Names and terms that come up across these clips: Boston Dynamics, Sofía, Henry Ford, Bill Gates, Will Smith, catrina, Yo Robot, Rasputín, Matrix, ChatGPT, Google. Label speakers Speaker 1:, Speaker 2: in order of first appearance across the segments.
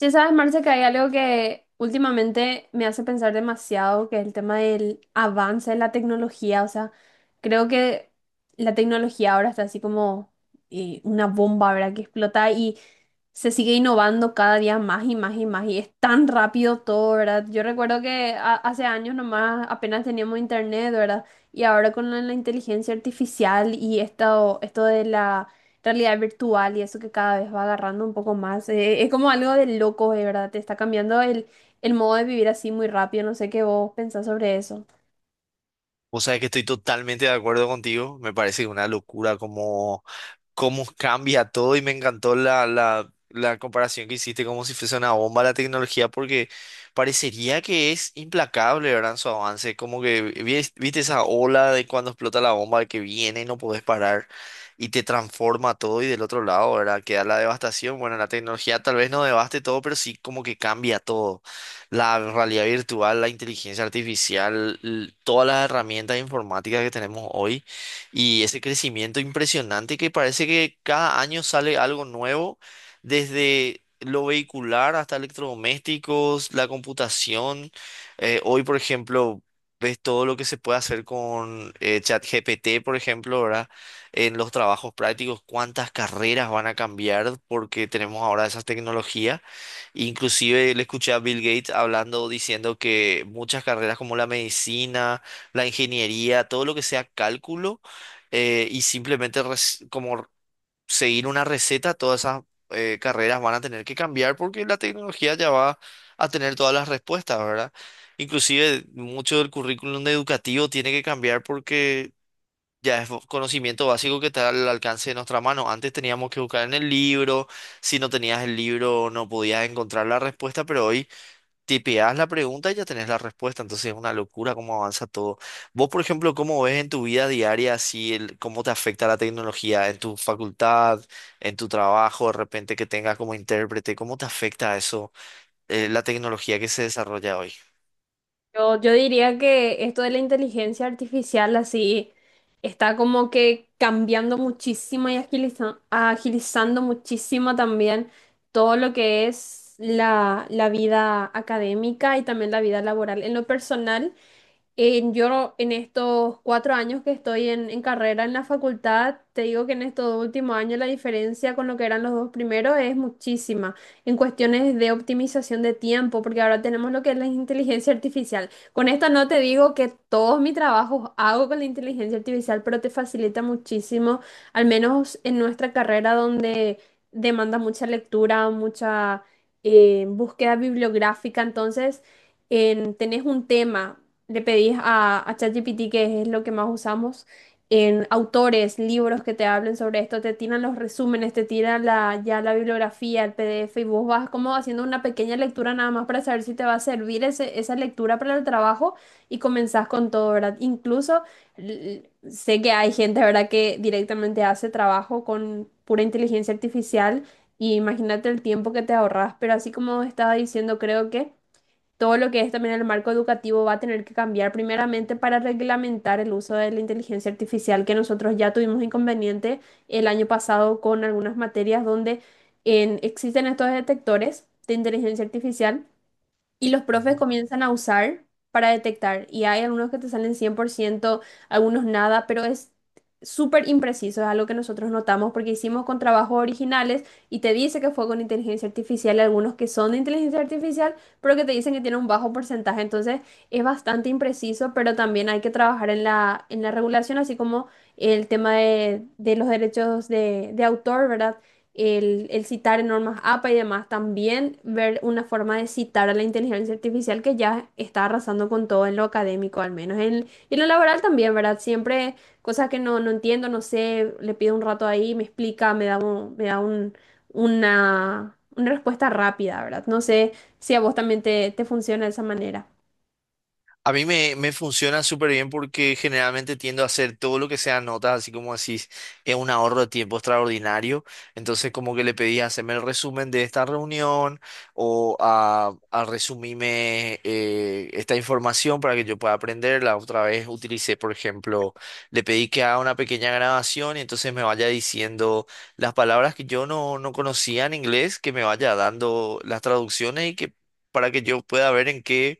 Speaker 1: Ya sabes, Marce, que hay algo que últimamente me hace pensar demasiado, que es el tema del avance de la tecnología. O sea, creo que la tecnología ahora está así como una bomba, ¿verdad? Que explota y se sigue innovando cada día más y más y más. Y es tan rápido todo, ¿verdad? Yo recuerdo que hace años nomás apenas teníamos internet, ¿verdad? Y ahora con la inteligencia artificial y esto de la realidad virtual y eso que cada vez va agarrando un poco más. Eh, es como algo de loco, de verdad. Te está cambiando el modo de vivir así muy rápido. No sé qué vos pensás sobre eso.
Speaker 2: O sea, que estoy totalmente de acuerdo contigo. Me parece una locura como cómo cambia todo y me encantó la comparación que hiciste como si fuese una bomba la tecnología porque parecería que es implacable, ¿verdad? En su avance, como que viste esa ola de cuando explota la bomba que viene y no podés parar y te transforma todo y del otro lado, ¿verdad? Queda la devastación. Bueno, la tecnología tal vez no devaste todo, pero sí como que cambia todo. La realidad virtual, la inteligencia artificial, todas las herramientas informáticas que tenemos hoy y ese crecimiento impresionante que parece que cada año sale algo nuevo, desde lo vehicular hasta electrodomésticos, la computación. Hoy, por ejemplo, ves todo lo que se puede hacer con ChatGPT, por ejemplo, ¿verdad? En los trabajos prácticos, cuántas carreras van a cambiar porque tenemos ahora esas tecnologías. Inclusive le escuché a Bill Gates hablando, diciendo que muchas carreras como la medicina, la ingeniería, todo lo que sea cálculo, y simplemente como seguir una receta, todas esas carreras van a tener que cambiar porque la tecnología ya va a tener todas las respuestas, ¿verdad? Inclusive mucho del currículum educativo tiene que cambiar porque ya es conocimiento básico que está al alcance de nuestra mano. Antes teníamos que buscar en el libro, si no tenías el libro no podías encontrar la respuesta, pero hoy tipeás la pregunta y ya tenés la respuesta, entonces es una locura cómo avanza todo. Vos, por ejemplo, ¿cómo ves en tu vida diaria si el, cómo te afecta la tecnología en tu facultad, en tu trabajo, de repente que tengas como intérprete, cómo te afecta eso, la tecnología que se desarrolla hoy?
Speaker 1: Yo diría que esto de la inteligencia artificial así está como que cambiando muchísimo y agilizando muchísimo también todo lo que es la vida académica y también la vida laboral. En lo personal, En, yo no- en estos cuatro años que estoy en carrera en la facultad, te digo que en estos dos últimos años la diferencia con lo que eran los dos primeros es muchísima en cuestiones de optimización de tiempo, porque ahora tenemos lo que es la inteligencia artificial. Con esto no te digo que todos mis trabajos hago con la inteligencia artificial, pero te facilita muchísimo, al menos en nuestra carrera donde demanda mucha lectura, mucha búsqueda bibliográfica, entonces tenés un tema, le pedís a ChatGPT, que es lo que más usamos, en autores, libros que te hablen sobre esto, te tiran los resúmenes, te tiran la, ya la bibliografía, el PDF, y vos vas como haciendo una pequeña lectura nada más para saber si te va a servir esa lectura para el trabajo y comenzás con todo, ¿verdad? Incluso sé que hay gente, ¿verdad?, que directamente hace trabajo con pura inteligencia artificial. Y imagínate el tiempo que te ahorras, pero así como estaba diciendo, creo que todo lo que es también el marco educativo va a tener que cambiar primeramente para reglamentar el uso de la inteligencia artificial, que nosotros ya tuvimos inconveniente el año pasado con algunas materias donde existen estos detectores de inteligencia artificial y los profes comienzan a usar para detectar. Y hay algunos que te salen cien por ciento, algunos nada, pero es súper impreciso. Es algo que nosotros notamos porque hicimos con trabajos originales y te dice que fue con inteligencia artificial, y algunos que son de inteligencia artificial, pero que te dicen que tiene un bajo porcentaje. Entonces es bastante impreciso, pero también hay que trabajar en en la regulación, así como el tema de los derechos de autor, ¿verdad? El citar en normas APA y demás, también ver una forma de citar a la inteligencia artificial que ya está arrasando con todo en lo académico, al menos en, y en lo laboral también, ¿verdad? Siempre cosas que no, no entiendo, no sé, le pido un rato ahí, me explica, una respuesta rápida, ¿verdad? No sé si a vos también te funciona de esa manera.
Speaker 2: A mí me funciona súper bien porque generalmente tiendo a hacer todo lo que sea notas, así como decís, es un ahorro de tiempo extraordinario. Entonces, como que le pedí hacerme el resumen de esta reunión o a resumirme esta información para que yo pueda aprenderla. Otra vez utilicé, por ejemplo, le pedí que haga una pequeña grabación y entonces me vaya diciendo las palabras que yo no conocía en inglés, que me vaya dando las traducciones y que para que yo pueda ver en qué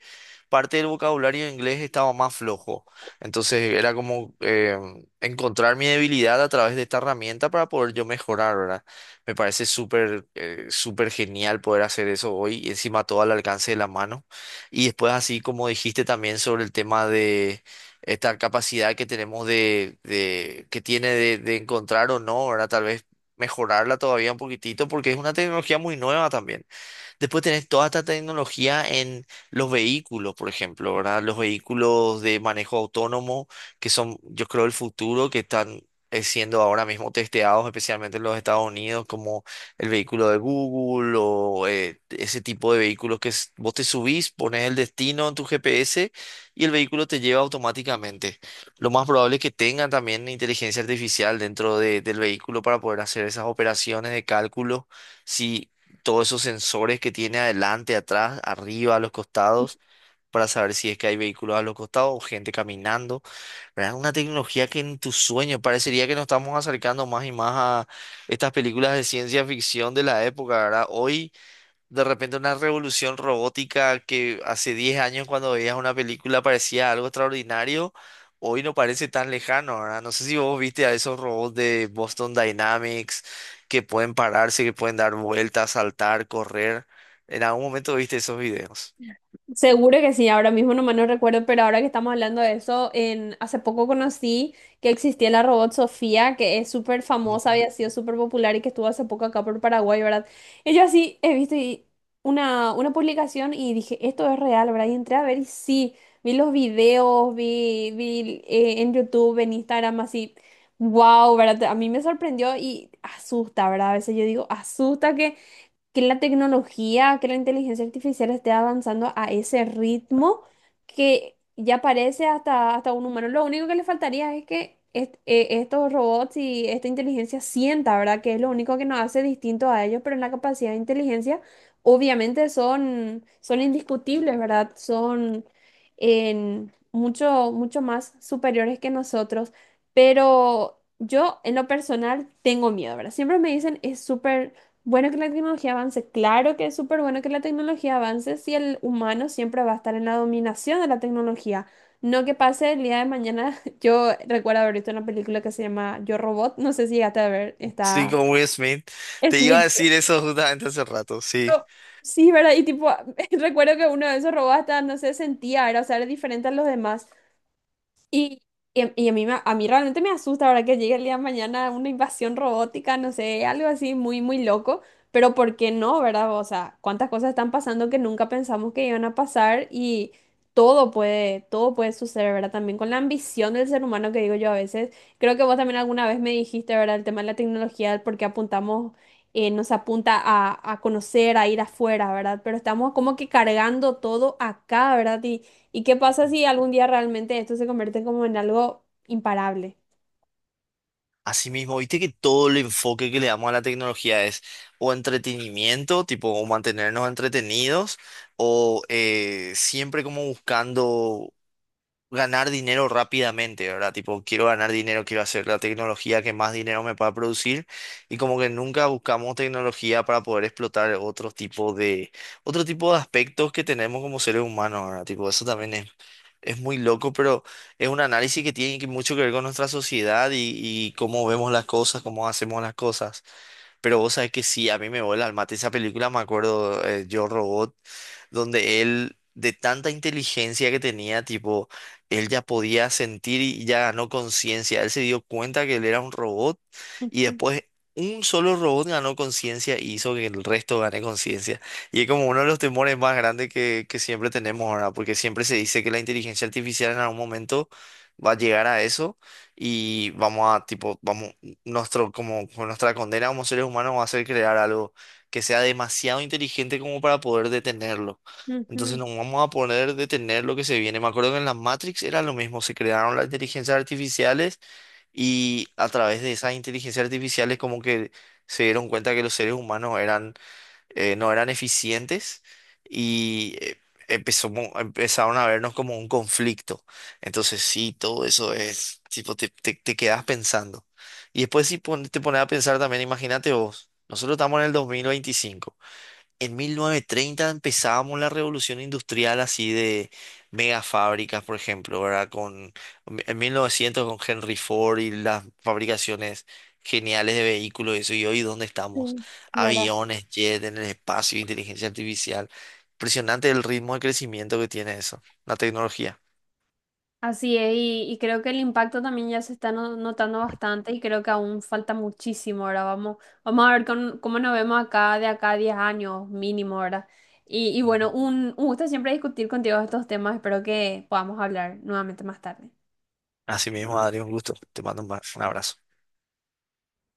Speaker 2: parte del vocabulario en inglés estaba más flojo. Entonces era como encontrar mi debilidad a través de esta herramienta para poder yo mejorar, ¿verdad? Me parece súper, súper genial poder hacer eso hoy y encima todo al alcance de la mano. Y después así como dijiste también sobre el tema de esta capacidad que tenemos de que tiene de encontrar o no, ¿verdad? Tal vez mejorarla todavía un poquitito porque es una tecnología muy nueva también. Después tenés toda esta tecnología en los vehículos, por ejemplo, ¿verdad? Los vehículos de manejo autónomo, que son, yo creo, el futuro, que están siendo ahora mismo testeados, especialmente en los Estados Unidos, como el vehículo de Google o ese tipo de vehículos que vos te subís, pones el destino en tu GPS y el vehículo te lleva automáticamente. Lo más probable es que tengan también inteligencia artificial dentro del vehículo para poder hacer esas operaciones de cálculo si todos esos sensores que tiene adelante, atrás, arriba, a los costados, para saber si es que hay vehículos a los costados o gente caminando. ¿Verdad? Una tecnología que en tus sueños parecería que nos estamos acercando más y más a estas películas de ciencia ficción de la época, ¿verdad? Hoy de repente una revolución robótica que hace 10 años cuando veías una película parecía algo extraordinario, hoy no parece tan lejano, ¿verdad? No sé si vos viste a esos robots de Boston Dynamics que pueden pararse, que pueden dar vueltas, saltar, correr. En algún momento viste esos videos.
Speaker 1: Seguro que sí, ahora mismo nomás no recuerdo, pero ahora que estamos hablando de eso, hace poco conocí que existía la robot Sofía, que es súper famosa,
Speaker 2: Ujú.
Speaker 1: había sido súper popular y que estuvo hace poco acá por Paraguay, ¿verdad? Y yo así he visto una publicación y dije, esto es real, ¿verdad? Y entré a ver y sí, vi los videos, vi en YouTube, en Instagram, así, wow, ¿verdad? A mí me sorprendió y asusta, ¿verdad? A veces yo digo, asusta que la tecnología, que la inteligencia artificial esté avanzando a ese ritmo que ya parece hasta, hasta un humano. Lo único que le faltaría es que estos robots y esta inteligencia sienta, ¿verdad? Que es lo único que nos hace distinto a ellos, pero en la capacidad de inteligencia, obviamente son, son indiscutibles, ¿verdad? Son en mucho, mucho más superiores que nosotros, pero... Yo, en lo personal, tengo miedo, ¿verdad? Siempre me dicen, es súper bueno que la tecnología avance, claro que es súper bueno que la tecnología avance si el humano siempre va a estar en la dominación de la tecnología. No que pase el día de mañana. Yo recuerdo haber visto una película que se llama Yo Robot, no sé si llegaste a ver,
Speaker 2: Sí,
Speaker 1: está
Speaker 2: con Will Smith. Te iba a
Speaker 1: Smith.
Speaker 2: decir eso justamente hace rato, sí.
Speaker 1: Yo- sí, ¿verdad? Y tipo, recuerdo que uno de esos robots hasta, no sé, sentía, era, o sea, era diferente a los demás. Y, y a mí, a mí realmente me asusta, verdad, que llegue el día de mañana una invasión robótica, no sé, algo así muy, muy loco, pero ¿por qué no, verdad? O sea, cuántas cosas están pasando que nunca pensamos que iban a pasar y todo puede suceder, ¿verdad? También con la ambición del ser humano que digo yo a veces. Creo que vos también alguna vez me dijiste, ¿verdad? El tema de la tecnología, el por qué apuntamos, nos apunta a conocer, a ir afuera, ¿verdad? Pero estamos como que cargando todo acá, ¿verdad? Y ¿y qué pasa si algún día realmente esto se convierte como en algo imparable?
Speaker 2: Asimismo, viste que todo el enfoque que le damos a la tecnología es o entretenimiento, tipo o mantenernos entretenidos, o siempre como buscando ganar dinero rápidamente, ¿verdad? Tipo, quiero ganar dinero, quiero hacer la tecnología que más dinero me pueda producir, y como que nunca buscamos tecnología para poder explotar otro tipo de aspectos que tenemos como seres humanos, ¿verdad? Tipo, eso también es muy loco, pero es un análisis que tiene que mucho que ver con nuestra sociedad y cómo vemos las cosas, cómo hacemos las cosas. Pero vos sabés que sí, a mí me vuela al mate esa película, me acuerdo, Yo Robot, donde él, de tanta inteligencia que tenía, tipo, él ya podía sentir y ya ganó conciencia. Él se dio cuenta que él era un robot y
Speaker 1: Ujú,
Speaker 2: después un solo robot ganó conciencia y hizo que el resto gane conciencia. Y es como uno de los temores más grandes que siempre tenemos ahora, porque siempre se dice que la inteligencia artificial en algún momento va a llegar a eso y vamos a, tipo, vamos nuestro, como nuestra condena como seres humanos va a ser crear algo que sea demasiado inteligente como para poder detenerlo. Entonces
Speaker 1: ujú.
Speaker 2: no vamos a poder detener lo que se viene. Me acuerdo que en la Matrix era lo mismo, se crearon las inteligencias artificiales y a través de esas inteligencias artificiales como que se dieron cuenta que los seres humanos eran no eran eficientes y empezaron a vernos como un conflicto. Entonces sí, todo eso es, tipo, te quedas pensando. Y después si te pones a pensar también, imagínate vos, nosotros estamos en el 2025. En 1930 empezábamos la revolución industrial así de mega fábricas, por ejemplo, ¿verdad? En 1900 con Henry Ford y las fabricaciones geniales de vehículos y eso. Y hoy, ¿dónde estamos?
Speaker 1: Sí, ¿verdad?
Speaker 2: Aviones, jet en el espacio, inteligencia artificial. Impresionante el ritmo de crecimiento que tiene eso, la tecnología.
Speaker 1: Así es, y creo que el impacto también ya se está notando bastante y creo que aún falta muchísimo, ahora vamos a ver cómo nos vemos acá de acá a 10 años mínimo, ahora. Y
Speaker 2: Ujú.
Speaker 1: bueno, un gusto siempre discutir contigo estos temas, espero que podamos hablar nuevamente más tarde.
Speaker 2: Así mismo, Adri, un gusto. Te mando un abrazo.